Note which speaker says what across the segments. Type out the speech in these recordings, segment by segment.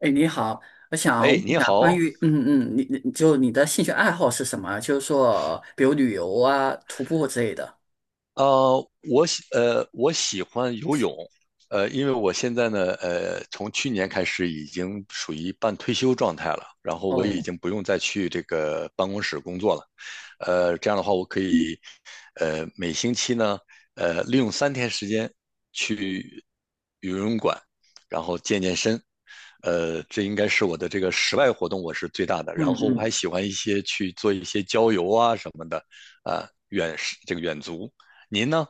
Speaker 1: 哎，你好，我想
Speaker 2: 哎，
Speaker 1: 问一
Speaker 2: 你
Speaker 1: 下关
Speaker 2: 好。
Speaker 1: 于，你的兴趣爱好是什么？就是说，比如旅游啊、徒步之类的。
Speaker 2: 我喜欢游泳。因为我现在呢，从去年开始已经属于半退休状态了，然后我已
Speaker 1: 哦，
Speaker 2: 经不用再去这个办公室工作了。这样的话我可以，每星期呢，利用3天时间去游泳馆，然后健身。这应该是我的这个室外活动我是最大的。然
Speaker 1: 嗯
Speaker 2: 后我还
Speaker 1: 嗯。
Speaker 2: 喜欢一些去做一些郊游啊什么的，啊、远这个远足。您呢？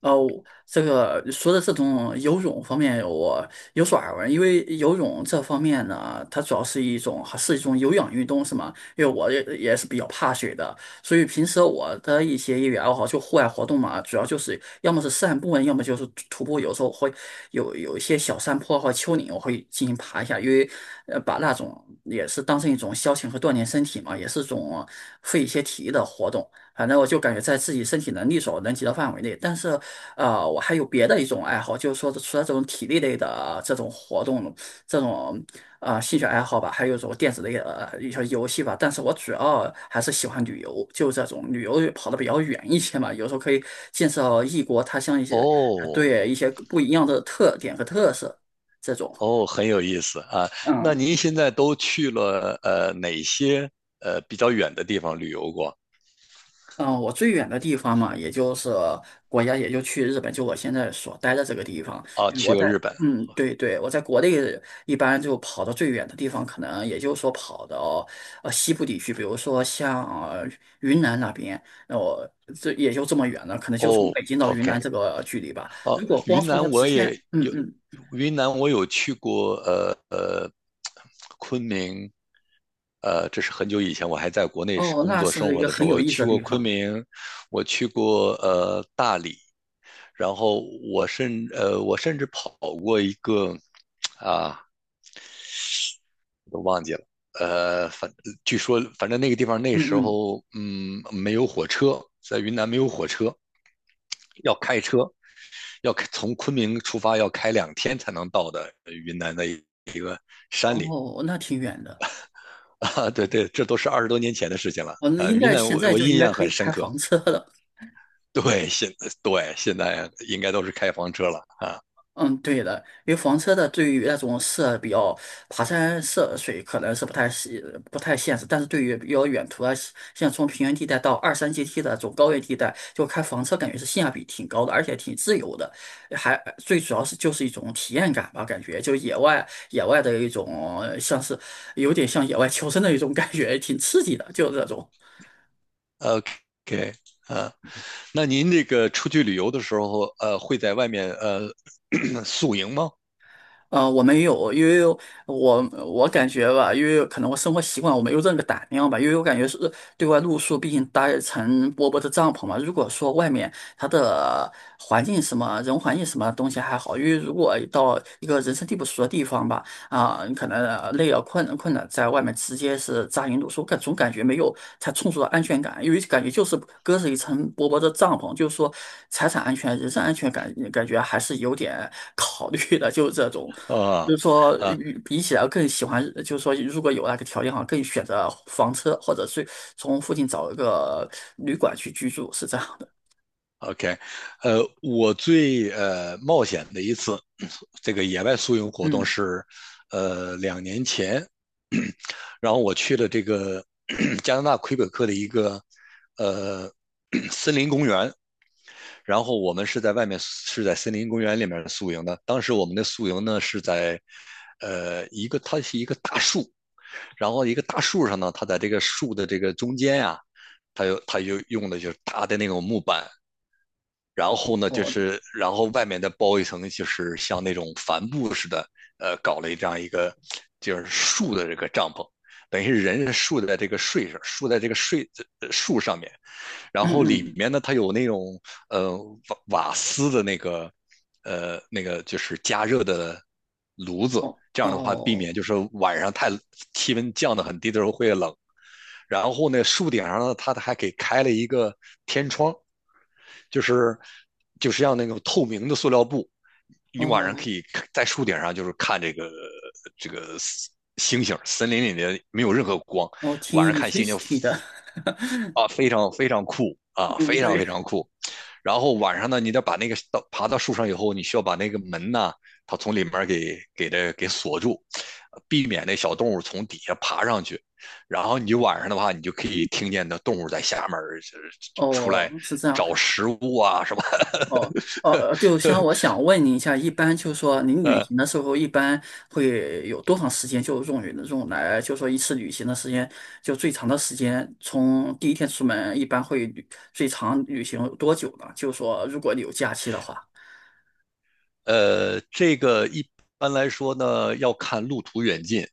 Speaker 1: 哦，这个说的这种游泳方面，我有所耳闻。因为游泳这方面呢，它主要是一种还是一种有氧运动，是吗？因为我也是比较怕水的，所以平时我的一些业余爱好就户外活动嘛，主要就是要么是散步啊，要么就是徒步。有时候会有一些小山坡或丘陵，我会进行爬一下，因为把那种也是当成一种消遣和锻炼身体嘛，也是种费一些体力的活动。反正我就感觉在自己身体能力所能及的范围内，但是，我还有别的一种爱好，就是说除了这种体力类的这种活动，这种兴趣爱好吧，还有一种电子类的一些游戏吧。但是我主要还是喜欢旅游，就这种旅游跑的比较远一些嘛，有时候可以见识到异国他乡一些，
Speaker 2: 哦
Speaker 1: 对一些不一样的特点和特色这种。
Speaker 2: 哦，很有意思啊。那
Speaker 1: 嗯。
Speaker 2: 您现在都去了哪些比较远的地方旅游过？
Speaker 1: 嗯，我最远的地方嘛，也就是国家，也就去日本，就我现在所待的这个地方。
Speaker 2: 啊，
Speaker 1: 嗯我
Speaker 2: 去过
Speaker 1: 在，
Speaker 2: 日本。
Speaker 1: 嗯，对对，我在国内一般就跑到最远的地方，可能也就是说跑到西部地区，比如说像呃云南那边，那我这也就这么远了，可能就从
Speaker 2: 哦
Speaker 1: 北京到云
Speaker 2: ，OK。
Speaker 1: 南这个距离吧。
Speaker 2: 哦，
Speaker 1: 如果光
Speaker 2: 云
Speaker 1: 从它
Speaker 2: 南我
Speaker 1: 直
Speaker 2: 也
Speaker 1: 线，嗯
Speaker 2: 有，
Speaker 1: 嗯。
Speaker 2: 云南我有去过。昆明，这是很久以前，我还在国内是
Speaker 1: 哦，
Speaker 2: 工
Speaker 1: 那
Speaker 2: 作生
Speaker 1: 是一
Speaker 2: 活
Speaker 1: 个
Speaker 2: 的时
Speaker 1: 很
Speaker 2: 候，
Speaker 1: 有
Speaker 2: 我
Speaker 1: 意思
Speaker 2: 去
Speaker 1: 的
Speaker 2: 过
Speaker 1: 地
Speaker 2: 昆
Speaker 1: 方。
Speaker 2: 明，我去过大理，然后我甚至跑过一个，啊，我都忘记了。反据说反正那个地方那
Speaker 1: 嗯
Speaker 2: 时
Speaker 1: 嗯。
Speaker 2: 候没有火车，在云南没有火车，要开车，要从昆明出发要开2天才能到的云南的一个山里。
Speaker 1: 哦，那挺远的。
Speaker 2: 啊，对对，这都是20多年前的事情了。
Speaker 1: 我那应
Speaker 2: 云
Speaker 1: 该
Speaker 2: 南
Speaker 1: 现
Speaker 2: 我
Speaker 1: 在
Speaker 2: 我
Speaker 1: 就应
Speaker 2: 印
Speaker 1: 该
Speaker 2: 象
Speaker 1: 可
Speaker 2: 很
Speaker 1: 以
Speaker 2: 深
Speaker 1: 开
Speaker 2: 刻。
Speaker 1: 房车了。
Speaker 2: 对，现在应该都是开房车了啊。
Speaker 1: 嗯，对的，因为房车的对于那种涉比较爬山涉水可能是不太现实，但是对于比较远途啊，像从平原地带到二三阶梯的这种高原地带，就开房车感觉是性价比挺高的，而且挺自由的，还最主要是就是一种体验感吧，感觉就野外野外的一种像是有点像野外求生的一种感觉，挺刺激的，就是这种。
Speaker 2: OK。啊，那您这个出去旅游的时候，会在外面宿营吗？
Speaker 1: 我没有，因为我感觉吧，因为可能我生活习惯，我没有这个胆量吧，因为我感觉是对外露宿，毕竟搭一层薄薄的帐篷嘛。如果说外面它的环境什么人环境什么东西还好，因为如果到一个人生地不熟的地方吧，啊，你可能累啊困了困了，在外面直接是扎营露宿，总感觉没有才充足的安全感，因为感觉就是隔着一层薄薄的帐篷，就是说财产安全、人身安全感感觉还是有点考虑的，就是这种。
Speaker 2: 啊
Speaker 1: 就是说，
Speaker 2: 啊，
Speaker 1: 与比起来更喜欢，就是说，如果有那个条件哈，更选择房车，或者是从附近找一个旅馆去居住，是这样的。
Speaker 2: OK。我最冒险的一次这个野外宿营活动
Speaker 1: 嗯。
Speaker 2: 是，2年前，然后我去了这个 加拿大魁北克的一个呃 森林公园。然后我们是在外面，是在森林公园里面宿营的。当时我们的宿营呢是在一个，它是一个大树。然后一个大树上呢，它在这个树的这个中间呀、它就用的就是大的那种木板，然后呢，就
Speaker 1: 哦。
Speaker 2: 是然后外面再包一层，就是像那种帆布似的。搞了这样一个就是树的这个帐篷，等于是人是竖在这个树上面。然
Speaker 1: 嗯
Speaker 2: 后里
Speaker 1: 嗯。
Speaker 2: 面呢，它有那种呃瓦斯的那个，就是加热的炉子，
Speaker 1: 哦
Speaker 2: 这样的话避
Speaker 1: 哦
Speaker 2: 免就是晚上气温降得很低的时候会冷。然后呢，树顶上呢，它还给开了一个天窗，就是就是像那种透明的塑料布，你晚上
Speaker 1: 哦，
Speaker 2: 可以在树顶上就是看这个这个星星，森林里面没有任何光。
Speaker 1: 我听
Speaker 2: 晚上
Speaker 1: 你
Speaker 2: 看
Speaker 1: t w i
Speaker 2: 星
Speaker 1: s
Speaker 2: 星
Speaker 1: t 的。
Speaker 2: 啊，非常非常酷 啊，
Speaker 1: 嗯，
Speaker 2: 非常
Speaker 1: 对。
Speaker 2: 非常酷。然后晚上呢，你得把那个爬到树上以后，你需要把那个门呢，它从里面给它锁住，避免那小动物从底下爬上去。然后你晚上的话，你就可以听见那动物在下面，就是出来
Speaker 1: 哦，是这样。
Speaker 2: 找食物啊什么。
Speaker 1: 哦，就像我想问您一下，一般就是说您旅
Speaker 2: 呃
Speaker 1: 行的时候，一般会有多长时间就用来，就说一次旅行的时间，就最长的时间，从第一天出门，一般会旅最长旅行有多久呢？就说如果你有假期的话，
Speaker 2: 这个一般来说呢，要看路途远近。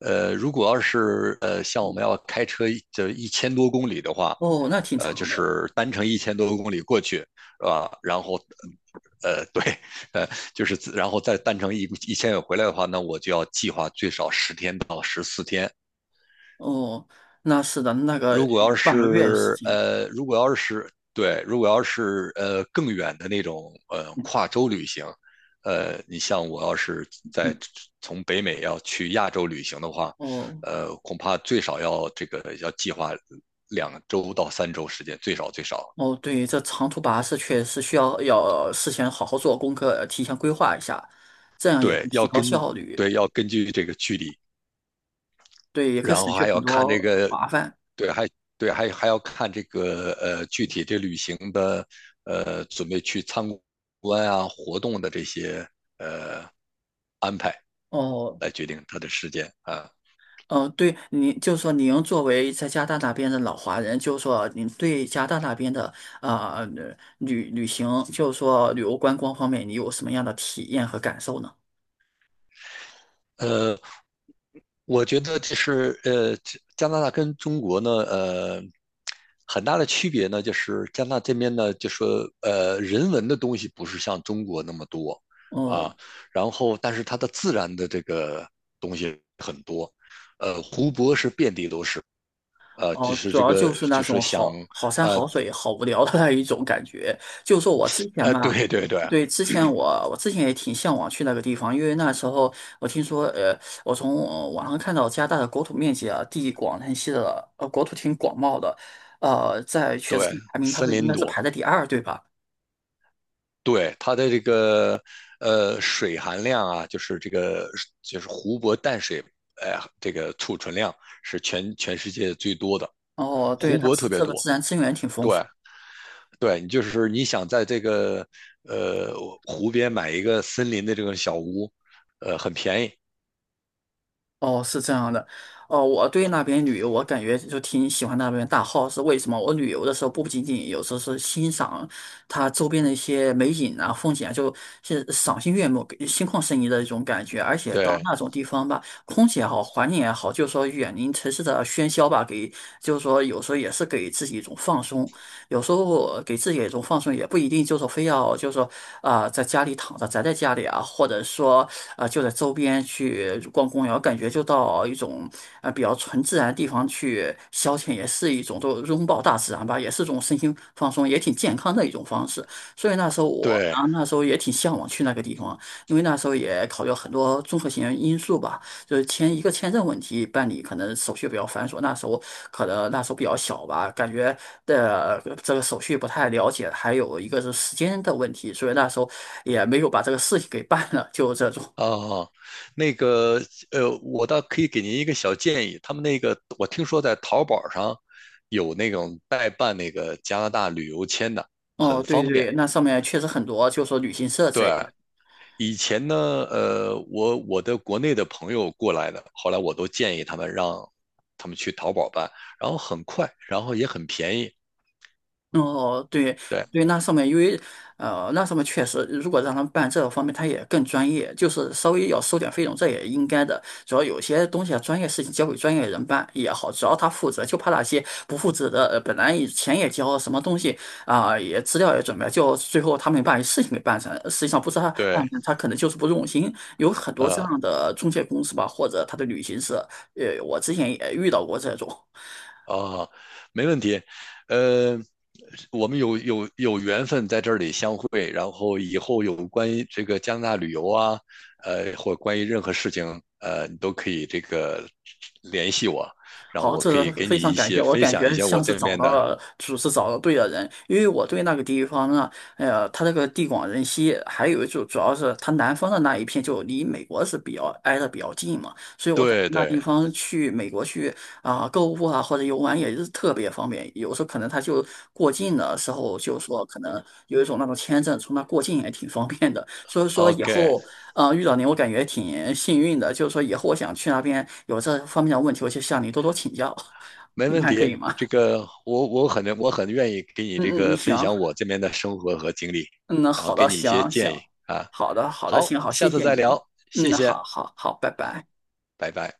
Speaker 2: 如果要是像我
Speaker 1: 嗯。
Speaker 2: 们要开车就一千多公里的话，
Speaker 1: 哦，那挺
Speaker 2: 就
Speaker 1: 长的。
Speaker 2: 是单程一千多公里过去，是吧？然后，对。呃，就是然后再单程一千回来的话，那我就要计划最少10天到14天。
Speaker 1: 哦，那是的，那个有半个月时间。
Speaker 2: 如果要是更远的那种跨州旅行，你像我要是在
Speaker 1: 嗯。
Speaker 2: 从北美要去亚洲旅行的话，
Speaker 1: 哦。
Speaker 2: 恐怕最少要计划2周到3周时间，最少最少。
Speaker 1: 哦，对，这长途跋涉确实需要事先好好做功课，提前规划一下，这样也可
Speaker 2: 对，
Speaker 1: 以提高效率。
Speaker 2: 对要根据这个距离，
Speaker 1: 对，也可以
Speaker 2: 然
Speaker 1: 省
Speaker 2: 后
Speaker 1: 去
Speaker 2: 还
Speaker 1: 很
Speaker 2: 要看这
Speaker 1: 多
Speaker 2: 个，
Speaker 1: 麻烦。
Speaker 2: 对还对，还要看这个具体这旅行的准备去参观啊活动的这些安排
Speaker 1: 哦，
Speaker 2: 来决定它的时间啊。
Speaker 1: 对，您就是说您作为在加拿大那边的老华人，就是说您对加拿大那边的啊旅行，就是说旅游观光方面，你有什么样的体验和感受呢？
Speaker 2: 呃。我觉得就是加拿大跟中国呢，很大的区别呢，就是加拿大这边呢，就说人文的东西不是像中国那么多啊，
Speaker 1: 哦。
Speaker 2: 然后但是它的自然的这个东西很多。湖泊是遍地都是，就
Speaker 1: 哦，
Speaker 2: 是
Speaker 1: 主
Speaker 2: 这
Speaker 1: 要
Speaker 2: 个
Speaker 1: 就是那
Speaker 2: 就是
Speaker 1: 种
Speaker 2: 想
Speaker 1: 好山
Speaker 2: 呃
Speaker 1: 好水、好无聊的那一种感觉。就说我之前嘛，
Speaker 2: 对对对
Speaker 1: 对，之前我之前也挺向往去那个地方，因为那时候我听说，我从网上看到加拿大的国土面积啊，地广人稀的，国土挺广袤的，在全世
Speaker 2: 对，
Speaker 1: 界排名它
Speaker 2: 森
Speaker 1: 是应
Speaker 2: 林
Speaker 1: 该是
Speaker 2: 多。
Speaker 1: 排在第二，对吧？
Speaker 2: 对，它的这个水含量啊，就是这个就是湖泊淡水，哎、这个储存量是全世界最多的，
Speaker 1: 哦，对，
Speaker 2: 湖
Speaker 1: 它
Speaker 2: 泊
Speaker 1: 是
Speaker 2: 特别
Speaker 1: 这个
Speaker 2: 多。
Speaker 1: 自然资源挺丰富。
Speaker 2: 对。对，你就是你想在这个呃湖边买一个森林的这种小屋，很便宜。
Speaker 1: 哦，是这样的。哦，我对那边旅游，我感觉就挺喜欢那边大 h 是为什么？我旅游的时候不仅仅有时候是欣赏它周边的一些美景啊、风景啊，就是赏心悦目、给心旷神怡的一种感觉。而且到
Speaker 2: 对
Speaker 1: 那种地方吧，空气也好，环境也好，就是说远离城市的喧嚣吧，就是说有时候也是给自己一种放松。有时候给自己一种放松，也不一定就是说非要就是说啊、在家里躺着宅在家里啊，或者说啊、就在周边去逛公园，感觉就到一种啊比较纯自然的地方去消遣，也是一种都拥抱大自然吧，也是一种身心放松，也挺健康的一种方式。所以那时候我
Speaker 2: 对
Speaker 1: 啊，那时候也挺向往去那个地方，因为那时候也考虑了很多综合性因素吧。就是签一个签证问题办理，可能手续比较繁琐。那时候比较小吧，感觉的这个手续不太了解，还有一个是时间的问题，所以那时候也没有把这个事情给办了，就这种。
Speaker 2: 哦，那个，我倒可以给您一个小建议。他们那个，我听说在淘宝上有那种代办那个加拿大旅游签的，
Speaker 1: 哦，
Speaker 2: 很
Speaker 1: 对
Speaker 2: 方便。
Speaker 1: 对，那上面确实很多，就是说旅行社之类
Speaker 2: 对，
Speaker 1: 的。
Speaker 2: 以前呢，我的国内的朋友过来的，后来我都建议让他们去淘宝办，然后很快，然后也很便宜。
Speaker 1: 哦，对
Speaker 2: 对
Speaker 1: 对，那上面确实，如果让他们办这个方面，他也更专业，就是稍微要收点费用，这也应该的。主要有些东西啊，专业事情交给专业人办也好，只要他负责，就怕那些不负责的，本来以前也交了什么东西啊、也资料也准备了就最后他没把事情给办成，实际上不是他办
Speaker 2: 对，
Speaker 1: 成，他可能就是不用心。有很多这
Speaker 2: 呃。
Speaker 1: 样的中介公司吧，或者他的旅行社，我之前也遇到过这种。
Speaker 2: 啊，没问题。呃，我们有缘分在这里相会，然后以后有关于这个加拿大旅游啊，或关于任何事情，你都可以这个联系我，然后
Speaker 1: 好，
Speaker 2: 我可
Speaker 1: 这
Speaker 2: 以给你
Speaker 1: 非常
Speaker 2: 一
Speaker 1: 感谢，
Speaker 2: 些
Speaker 1: 我
Speaker 2: 分
Speaker 1: 感
Speaker 2: 享一
Speaker 1: 觉
Speaker 2: 些我
Speaker 1: 像是
Speaker 2: 这
Speaker 1: 找
Speaker 2: 面
Speaker 1: 到
Speaker 2: 的。
Speaker 1: 了找到对的人，因为我对那个地方呢，它这个地广人稀，还有就主要是它南方的那一片就离美国是比较挨得比较近嘛，所以我感觉
Speaker 2: 对
Speaker 1: 那
Speaker 2: 对
Speaker 1: 地方去美国去啊、购物啊或者游玩也是特别方便，有时候可能它就过境的时候就说可能有一种那种签证从那过境也挺方便的，所以说以
Speaker 2: ，OK，
Speaker 1: 后遇到您我感觉挺幸运的，就是说以后我想去那边有这方面的问题，我就向您多多请教，
Speaker 2: 没
Speaker 1: 你
Speaker 2: 问
Speaker 1: 看可
Speaker 2: 题。
Speaker 1: 以吗？
Speaker 2: 这 个我很愿意给你
Speaker 1: 嗯
Speaker 2: 这
Speaker 1: 嗯嗯，
Speaker 2: 个分
Speaker 1: 行，
Speaker 2: 享我这边的生活和经历，
Speaker 1: 嗯，那
Speaker 2: 然后
Speaker 1: 好
Speaker 2: 给
Speaker 1: 的，
Speaker 2: 你一些
Speaker 1: 行
Speaker 2: 建议
Speaker 1: 行，
Speaker 2: 啊。
Speaker 1: 好的好的，
Speaker 2: 好，
Speaker 1: 行好，谢
Speaker 2: 下次
Speaker 1: 谢
Speaker 2: 再
Speaker 1: 您啊，
Speaker 2: 聊，谢
Speaker 1: 嗯，
Speaker 2: 谢
Speaker 1: 好好好，拜
Speaker 2: 啊，
Speaker 1: 拜。
Speaker 2: 拜拜。